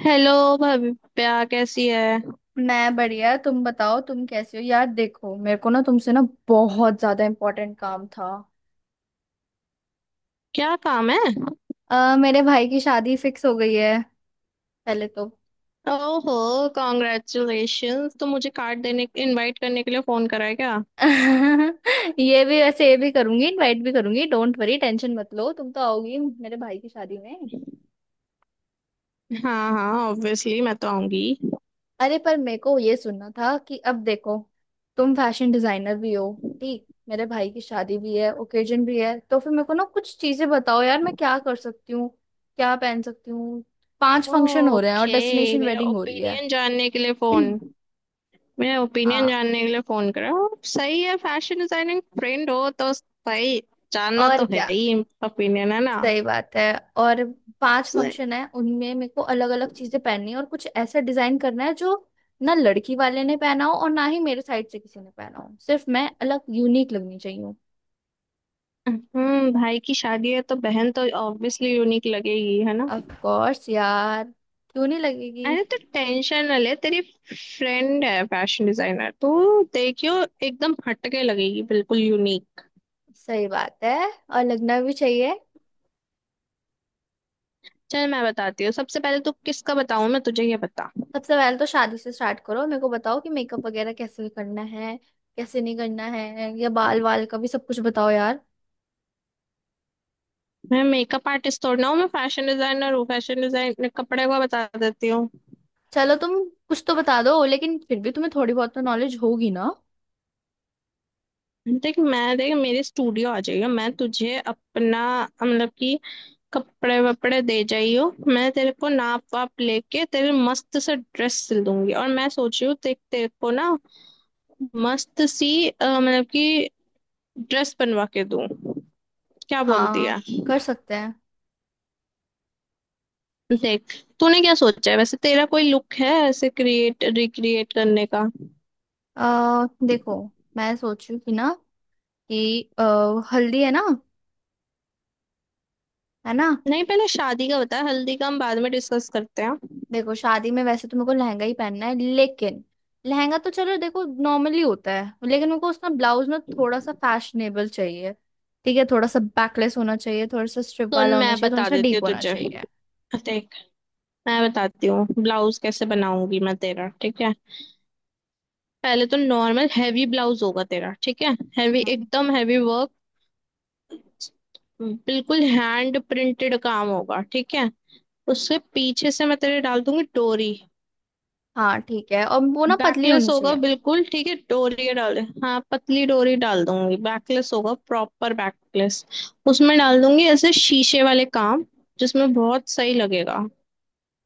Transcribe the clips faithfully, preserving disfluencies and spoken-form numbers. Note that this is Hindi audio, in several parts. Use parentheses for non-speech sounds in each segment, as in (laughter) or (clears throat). हेलो। भव्या कैसी है? मैं बढ़िया। तुम बताओ, तुम कैसे हो यार? देखो, मेरे को ना तुमसे ना बहुत ज्यादा इम्पोर्टेंट काम था। क्या काम है? अ, मेरे भाई की शादी फिक्स हो गई है पहले तो (laughs) ओहो, कॉन्ग्रेचुलेशंस। तो मुझे कार्ड देने, इनवाइट करने के लिए फोन करा है क्या? ये भी वैसे, ये भी करूंगी, इनवाइट भी करूंगी, डोंट वरी, टेंशन मत लो। तुम तो आओगी मेरे भाई की शादी में? हाँ हाँ, ऑब्वियसली मैं तो आऊंगी। अरे पर मेरे को ये सुनना था कि अब देखो, तुम फैशन डिजाइनर भी हो, ठीक, मेरे भाई की शादी भी है, ओकेजन भी है, तो फिर मेरे को ना कुछ चीजें बताओ यार। मैं क्या कर सकती हूँ, क्या पहन सकती हूँ। पांच फंक्शन हो रहे हैं और ओके। डेस्टिनेशन मेरा वेडिंग हो रही है। ओपिनियन जानने के लिए फोन। (clears throat) मेरा ओपिनियन हाँ। जानने के लिए फोन करा। सही है, फैशन डिजाइनिंग फ्रेंड हो तो सही। जानना और तो है क्या। ही। ओपिनियन है ना। सही बात है। और पांच सही। फंक्शन है, उनमें मेरे को अलग अलग चीजें पहननी है, और कुछ ऐसा डिजाइन करना है जो ना लड़की वाले ने पहना हो और ना ही मेरे साइड से किसी ने पहना हो। सिर्फ मैं अलग, यूनिक लगनी चाहिए। हम्म, भाई की शादी है तो बहन तो ऑब्वियसली यूनिक लगेगी, है ना? ऑफ कोर्स यार, क्यों नहीं लगेगी। अरे तो टेंशन ना ले, तेरी फ्रेंड है फैशन डिजाइनर तो। देखियो, एकदम हटके लगेगी, बिल्कुल यूनिक। सही बात है, और लगना भी चाहिए। चल, मैं बताती हूँ। सबसे पहले तो किसका बताऊँ मैं तुझे, ये बता। सबसे पहले तो शादी से स्टार्ट करो, मेरे को बताओ कि मेकअप वगैरह कैसे करना है, कैसे नहीं करना है, या बाल वाल का भी सब कुछ बताओ यार। मैं मेकअप आर्टिस्ट थोड़ी ना हूँ, मैं फैशन डिजाइनर हूँ, फैशन डिजाइन कपड़े का बता देती हूँ। चलो तुम कुछ तो बता दो, लेकिन फिर भी तुम्हें थोड़ी बहुत तो नॉलेज होगी ना। देख, मैं देख, मेरे स्टूडियो आ जाइयो। मैं तुझे अपना, मतलब कि कपड़े वपड़े दे जाइयो, मैं तेरे को नाप वाप लेके तेरे मस्त से ड्रेस सिल दूंगी। और मैं सोच रही हूँ, देख तेरे को ना मस्त सी अ, मतलब कि ड्रेस बनवा के दूं। क्या बोलती है? हाँ, कर सकते हैं। देख, तूने क्या सोचा है, वैसे तेरा कोई लुक है ऐसे क्रिएट रिक्रिएट करने का? अ देखो, मैं सोचू कि ना, कि अ, हल्दी है ना, है ना। नहीं, पहले शादी का बता, हल्दी का हम बाद में डिस्कस करते हैं। देखो, शादी में वैसे तो मेरे को लहंगा ही पहनना है, लेकिन लहंगा तो चलो देखो नॉर्मली होता है, लेकिन मेरे को उसका ब्लाउज ना थोड़ा सा फैशनेबल चाहिए। ठीक है, थोड़ा सा बैकलेस होना चाहिए, थोड़ा सा स्ट्रिप सुन, वाला होना मैं चाहिए, थोड़ा बता सा देती हूँ डीप होना तुझे। चाहिए। देख, मैं बताती हूँ ब्लाउज कैसे बनाऊंगी मैं तेरा, ठीक है? पहले तो नॉर्मल हैवी ब्लाउज होगा तेरा, ठीक है। हैवी, हम्म। एकदम हैवी वर्क, बिल्कुल हैंड प्रिंटेड काम होगा, ठीक है। उसके पीछे से मैं तेरे डाल दूंगी डोरी। हाँ, ठीक है, और वो ना पतली बैकलेस होनी होगा चाहिए। बिल्कुल, ठीक है। डोरी डाले, हाँ पतली डोरी डाल दूंगी, बैकलेस होगा, प्रॉपर बैकलेस। उसमें डाल दूंगी ऐसे शीशे वाले काम, जिसमें बहुत सही लगेगा। और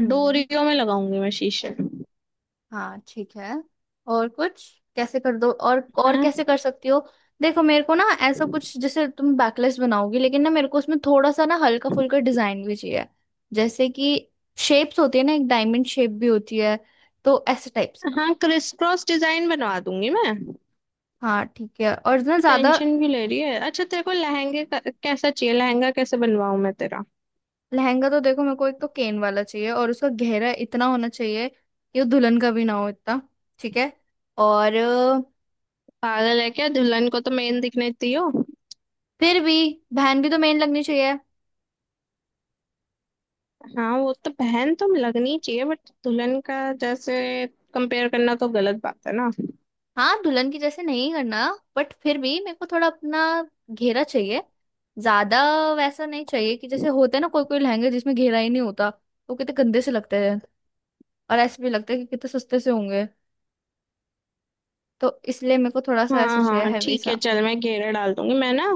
हम्म। डोरियों में लगाऊंगी मैं शीशे। हाँ ठीक है। और कुछ कैसे कर दो, और और हाँ कैसे कर सकती हो। देखो, मेरे को ना ऐसा कुछ, जैसे तुम बैकलेस बनाओगी लेकिन ना मेरे को उसमें थोड़ा सा ना हल्का फुल्का डिजाइन भी चाहिए। जैसे कि शेप्स होती है ना, एक डायमंड शेप भी होती है, तो ऐसे टाइप्स का। हाँ, क्रिस क्रॉस डिजाइन बनवा दूंगी मैं। हाँ ठीक है, और ना तो ज्यादा। टेंशन क्यों ले रही है? अच्छा, तेरे को लहंगे का- कैसा चाहिए लहंगा, कैसे बनवाऊं मैं तेरा? लहंगा तो देखो, मेरे को एक तो केन वाला चाहिए, और उसका गहरा इतना होना चाहिए कि वो दुल्हन का भी ना हो इतना। ठीक है। और अ, पागल है क्या, दुल्हन को तो मेन दिखने दी हो। फिर भी बहन भी तो मेन लगनी चाहिए। हाँ, वो तो बहन तो लगनी चाहिए, बट दुल्हन का जैसे कंपेयर करना तो गलत बात है ना। हाँ, दुल्हन की जैसे नहीं करना, बट फिर भी मेरे को थोड़ा अपना घेरा चाहिए। ज्यादा वैसा नहीं चाहिए कि जैसे होते हैं ना कोई कोई लहंगे जिसमें घेरा ही नहीं होता, वो कितने गंदे से लगते हैं। और ऐसे भी लगता है कि कितने सस्ते से होंगे, तो इसलिए मेरे को थोड़ा सा ऐसा हाँ चाहिए, हाँ हैवी ठीक सा। है, चल, मैं घेरा डाल दूंगी मैं ना।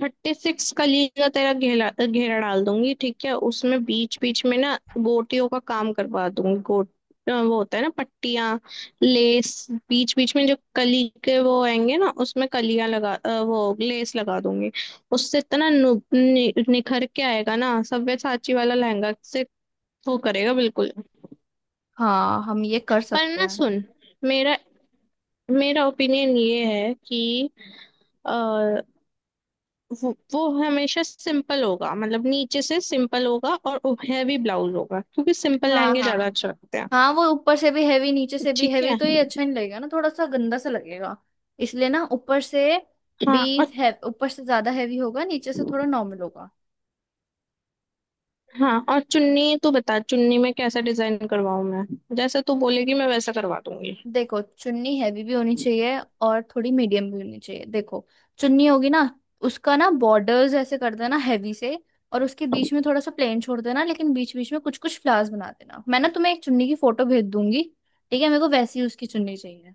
थर्टी सिक्स कली का तेरा घेरा, घेरा डाल दूंगी, ठीक है। उसमें बीच बीच में ना गोटियों का काम करवा दूंगी, गोट, अ, वो होता है ना, पट्टियां, लेस, बीच बीच में जो कली के वो आएंगे ना, उसमें कलियां लगा, अ, वो लेस लगा दूंगी। उससे इतना नु, नि, निखर के आएगा ना, सव्यसाची वाला लहंगा से। वो करेगा बिल्कुल। हाँ, हम ये कर पर सकते ना हैं। सुन, मेरा मेरा ओपिनियन ये है कि वो, वो हमेशा सिंपल होगा, मतलब नीचे से सिंपल होगा और हैवी ब्लाउज होगा, क्योंकि सिंपल हाँ लहंगे ज्यादा हाँ। अच्छे लगते हैं। हाँ, वो ऊपर से भी हैवी, नीचे से भी ठीक हैवी, है। तो ये अच्छा नहीं लगेगा ना, थोड़ा सा गंदा सा लगेगा। इसलिए ना ऊपर से भी हाँ और। है, ऊपर से ज्यादा हैवी होगा, नीचे से थोड़ा नॉर्मल होगा। हाँ, और चुन्नी तो बता, चुन्नी में कैसा डिजाइन करवाऊँ मैं, जैसा तू बोलेगी मैं वैसा करवा दूंगी। देखो, चुन्नी हैवी भी होनी चाहिए और थोड़ी मीडियम भी होनी चाहिए। देखो, चुन्नी होगी ना, उसका ना बॉर्डर्स ऐसे कर देना हैवी से, और उसके बीच में थोड़ा सा प्लेन छोड़ देना, लेकिन बीच बीच में कुछ कुछ फ्लावर्स बना देना। मैं ना तुम्हें एक चुन्नी की फोटो भेज दूंगी, ठीक है, मेरे को वैसी उसकी चुन्नी चाहिए।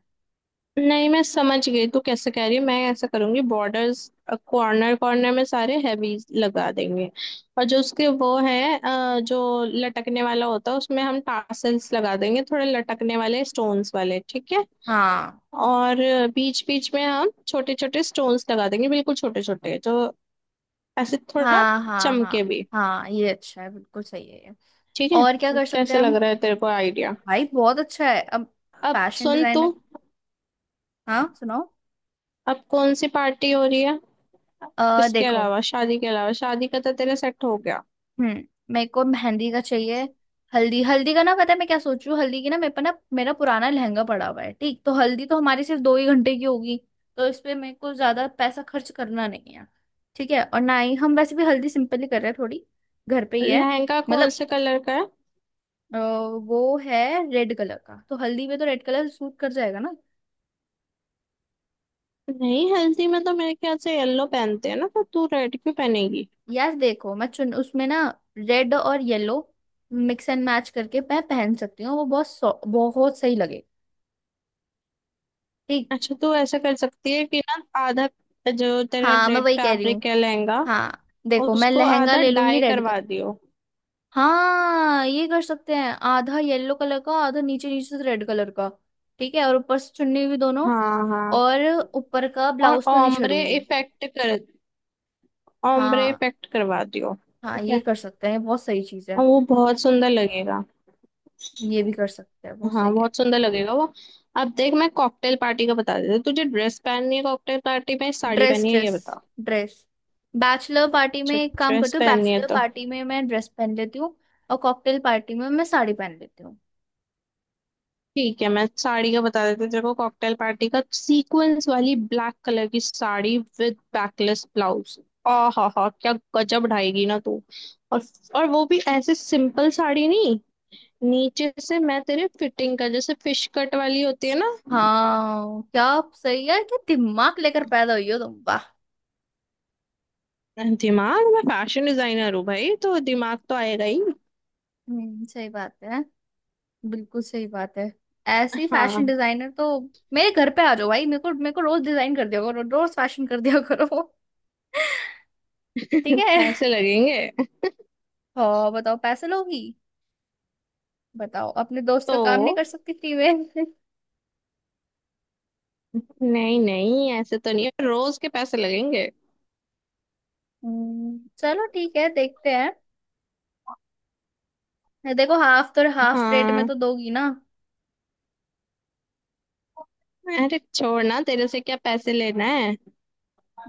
नहीं, मैं समझ गई तू कैसे कह रही है। मैं ऐसा करूंगी, बॉर्डर्स कॉर्नर कॉर्नर में सारे हैवी लगा देंगे। और जो उसके वो है, अ, जो लटकने वाला होता है, उसमें हम टासल्स लगा देंगे, थोड़े लटकने वाले स्टोन्स वाले, ठीक है। हाँ और बीच बीच में हम छोटे छोटे स्टोन्स लगा देंगे, बिल्कुल छोटे छोटे, जो ऐसे थोड़ा हाँ हाँ चमके हाँ, भी, हाँ ये अच्छा है, बिल्कुल सही है ये। ठीक और क्या है। कर सकते कैसे हैं लग हम। रहा है तेरे को आइडिया? भाई बहुत अच्छा है अब अब फैशन सुन तू, डिजाइनर। हाँ सुनाओ। अब कौन सी पार्टी हो रही है अ इसके देखो। अलावा, शादी के अलावा? शादी का तो तेरा सेट हो गया। हम्म मेरे को मेहंदी का चाहिए। हल्दी हल्दी का ना, पता है मैं क्या सोच रही हूँ? हल्दी की ना, मेरे पे ना मेरा पुराना लहंगा पड़ा हुआ है ठीक, तो हल्दी तो हमारी सिर्फ दो ही घंटे की होगी, तो इस पे मेरे को ज्यादा पैसा खर्च करना नहीं है। ठीक है, और ना ही हम वैसे भी हल्दी सिंपल ही कर रहे हैं थोड़ी, घर पे ही है। लहंगा कौन मतलब, से कलर का है? अ, वो है रेड कलर का, तो हल्दी में तो रेड कलर सूट कर जाएगा ना। नहीं, हल्दी में तो मेरे ख्याल से येलो पहनते हैं ना, तो तू रेड क्यों पहनेगी? यार देखो, मैं चुन उसमें ना रेड और येलो मिक्स एंड मैच करके मैं पहन सकती हूँ, वो बहुत सौ- बहुत सही लगे। ठीक। अच्छा, तू ऐसा कर सकती है कि ना आधा, जो तेरा हाँ, मैं रेड वही कह रही हूँ। फैब्रिक है लहंगा, हाँ देखो, मैं उसको लहंगा आधा ले लूंगी डाई रेड कलर। करवा दियो। हाँ, ये कर सकते हैं, आधा येलो कलर का, आधा नीचे, नीचे से रेड कलर का। ठीक है, और ऊपर से चुन्नी भी दोनों। हाँ हाँ, और ऊपर का और ब्लाउज तो नहीं ओम्ब्रे छेड़ूंगी। इफेक्ट कर, ओम्ब्रे हाँ, इफेक्ट करवा दियो। हाँ ठीक ये है, कर सकते हैं, बहुत सही चीज है। और वो बहुत सुंदर लगेगा। ये भी कर सकते हैं, बहुत हाँ, सही है। बहुत सुंदर लगेगा वो। अब देख, मैं कॉकटेल पार्टी का बता देती हूँ तुझे। ड्रेस पहननी है कॉकटेल पार्टी में, साड़ी ड्रेस, पहननी है, ड्रेस, ये बता। ड्रेस। बैचलर पार्टी में अच्छा, एक काम ड्रेस करती हूँ, पहननी है बैचलर तो पार्टी में मैं ड्रेस पहन लेती हूँ। और कॉकटेल पार्टी में मैं साड़ी पहन लेती हूँ। ठीक है, मैं साड़ी का बता देती हूँ तेरे को। कॉकटेल पार्टी का सीक्वेंस वाली ब्लैक कलर की साड़ी विद बैकलेस ब्लाउज। आ हा हा, क्या गजब ढाएगी ना तू! और और वो भी ऐसे सिंपल साड़ी नहीं, नीचे से मैं तेरे फिटिंग का, जैसे फिश कट वाली होती है ना। हाँ क्या। सही है क्या, दिमाग लेकर पैदा हुई हो तुम, वाह। दिमाग, मैं फैशन डिजाइनर हूँ भाई, तो दिमाग तो आएगा ही। हम्म, सही बात है, बिल्कुल सही बात है। ऐसी हाँ फैशन (laughs) डिजाइनर तो मेरे घर पे आ जाओ भाई, मेरे को, मेरे को रोज डिजाइन कर दिया करो, रोज फैशन कर दिया (laughs) करो। ठीक है। पैसे लगेंगे। और बताओ, पैसे लोगी? बताओ, अपने दोस्त का तो काम नहीं कर सकती फ्री में? नहीं नहीं, ऐसे तो नहीं है, रोज के पैसे लगेंगे। हम्म, चलो ठीक है, देखते हैं। देखो, हाफ तो हाफ रेट में हाँ, तो दोगी ना। अरे छोड़ना, तेरे से क्या पैसे लेना है।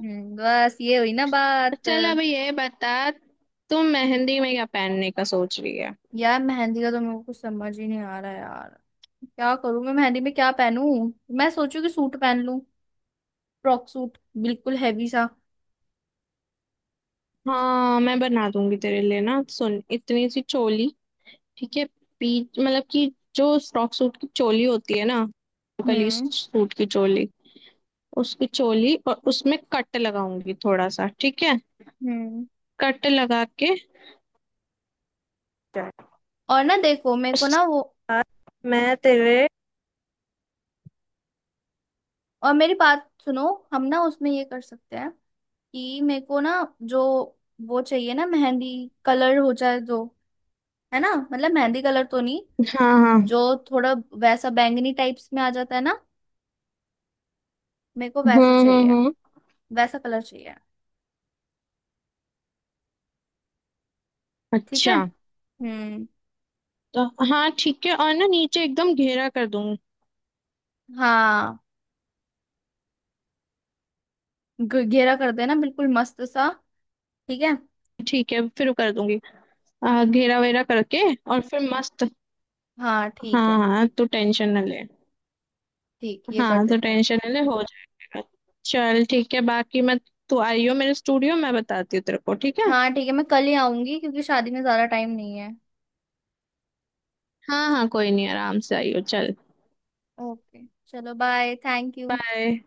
हम्म, बस ये हुई ना बात। चल, अब ये बता, तुम मेहंदी में क्या पहनने का सोच रही है? यार मेहंदी का तो मेरे को कुछ समझ ही नहीं आ रहा यार, क्या करूँ मैं? मेहंदी में क्या पहनूं? मैं सोचू कि सूट पहन लूं, फ्रॉक सूट, बिल्कुल हैवी सा। हाँ, मैं बना दूंगी तेरे लिए ना, सुन इतनी सी चोली, ठीक है। पीच, मतलब कि जो फ्रॉक सूट की चोली होती है ना, कली हम्म सूट की चोली, उसकी चोली। और उसमें कट लगाऊंगी थोड़ा सा, ठीक है, हम्म कट लगा के, चल। और ना देखो, मेरे को ना वो, उसके बाद मैं तेरे, और मेरी बात सुनो, हम ना उसमें ये कर सकते हैं कि मेरे को ना, जो वो चाहिए ना, मेहंदी कलर हो जाए जो, है ना, मतलब मेहंदी कलर तो नहीं, हाँ हाँ। जो थोड़ा वैसा बैंगनी टाइप्स में आ जाता है ना, मेरे को हम्म वैसा हम्म चाहिए, हम्म, वैसा कलर चाहिए। ठीक है। अच्छा। हम्म। तो हाँ ठीक है, और ना नीचे एकदम घेरा कर दूंगी। हाँ, घ- घेरा कर देना बिल्कुल मस्त सा, ठीक है। ठीक है, फिर कर दूंगी, आ, घेरा वेरा करके, और फिर मस्त। हाँ, ठीक हाँ है। हाँ, तू टेंशन ना ले। ठीक, ये कर हाँ, तो देते हैं। टेंशन नहीं ले, हो जाएगा। चल ठीक है, बाकी मैं, तू आइयो मेरे स्टूडियो, मैं बताती हूँ तेरे को, ठीक है। हाँ ठीक है, मैं कल ही आऊंगी क्योंकि शादी में ज्यादा टाइम नहीं है। हाँ हाँ, कोई नहीं, आराम से आइयो, चल, ओके, चलो बाय, थैंक यू। बाय।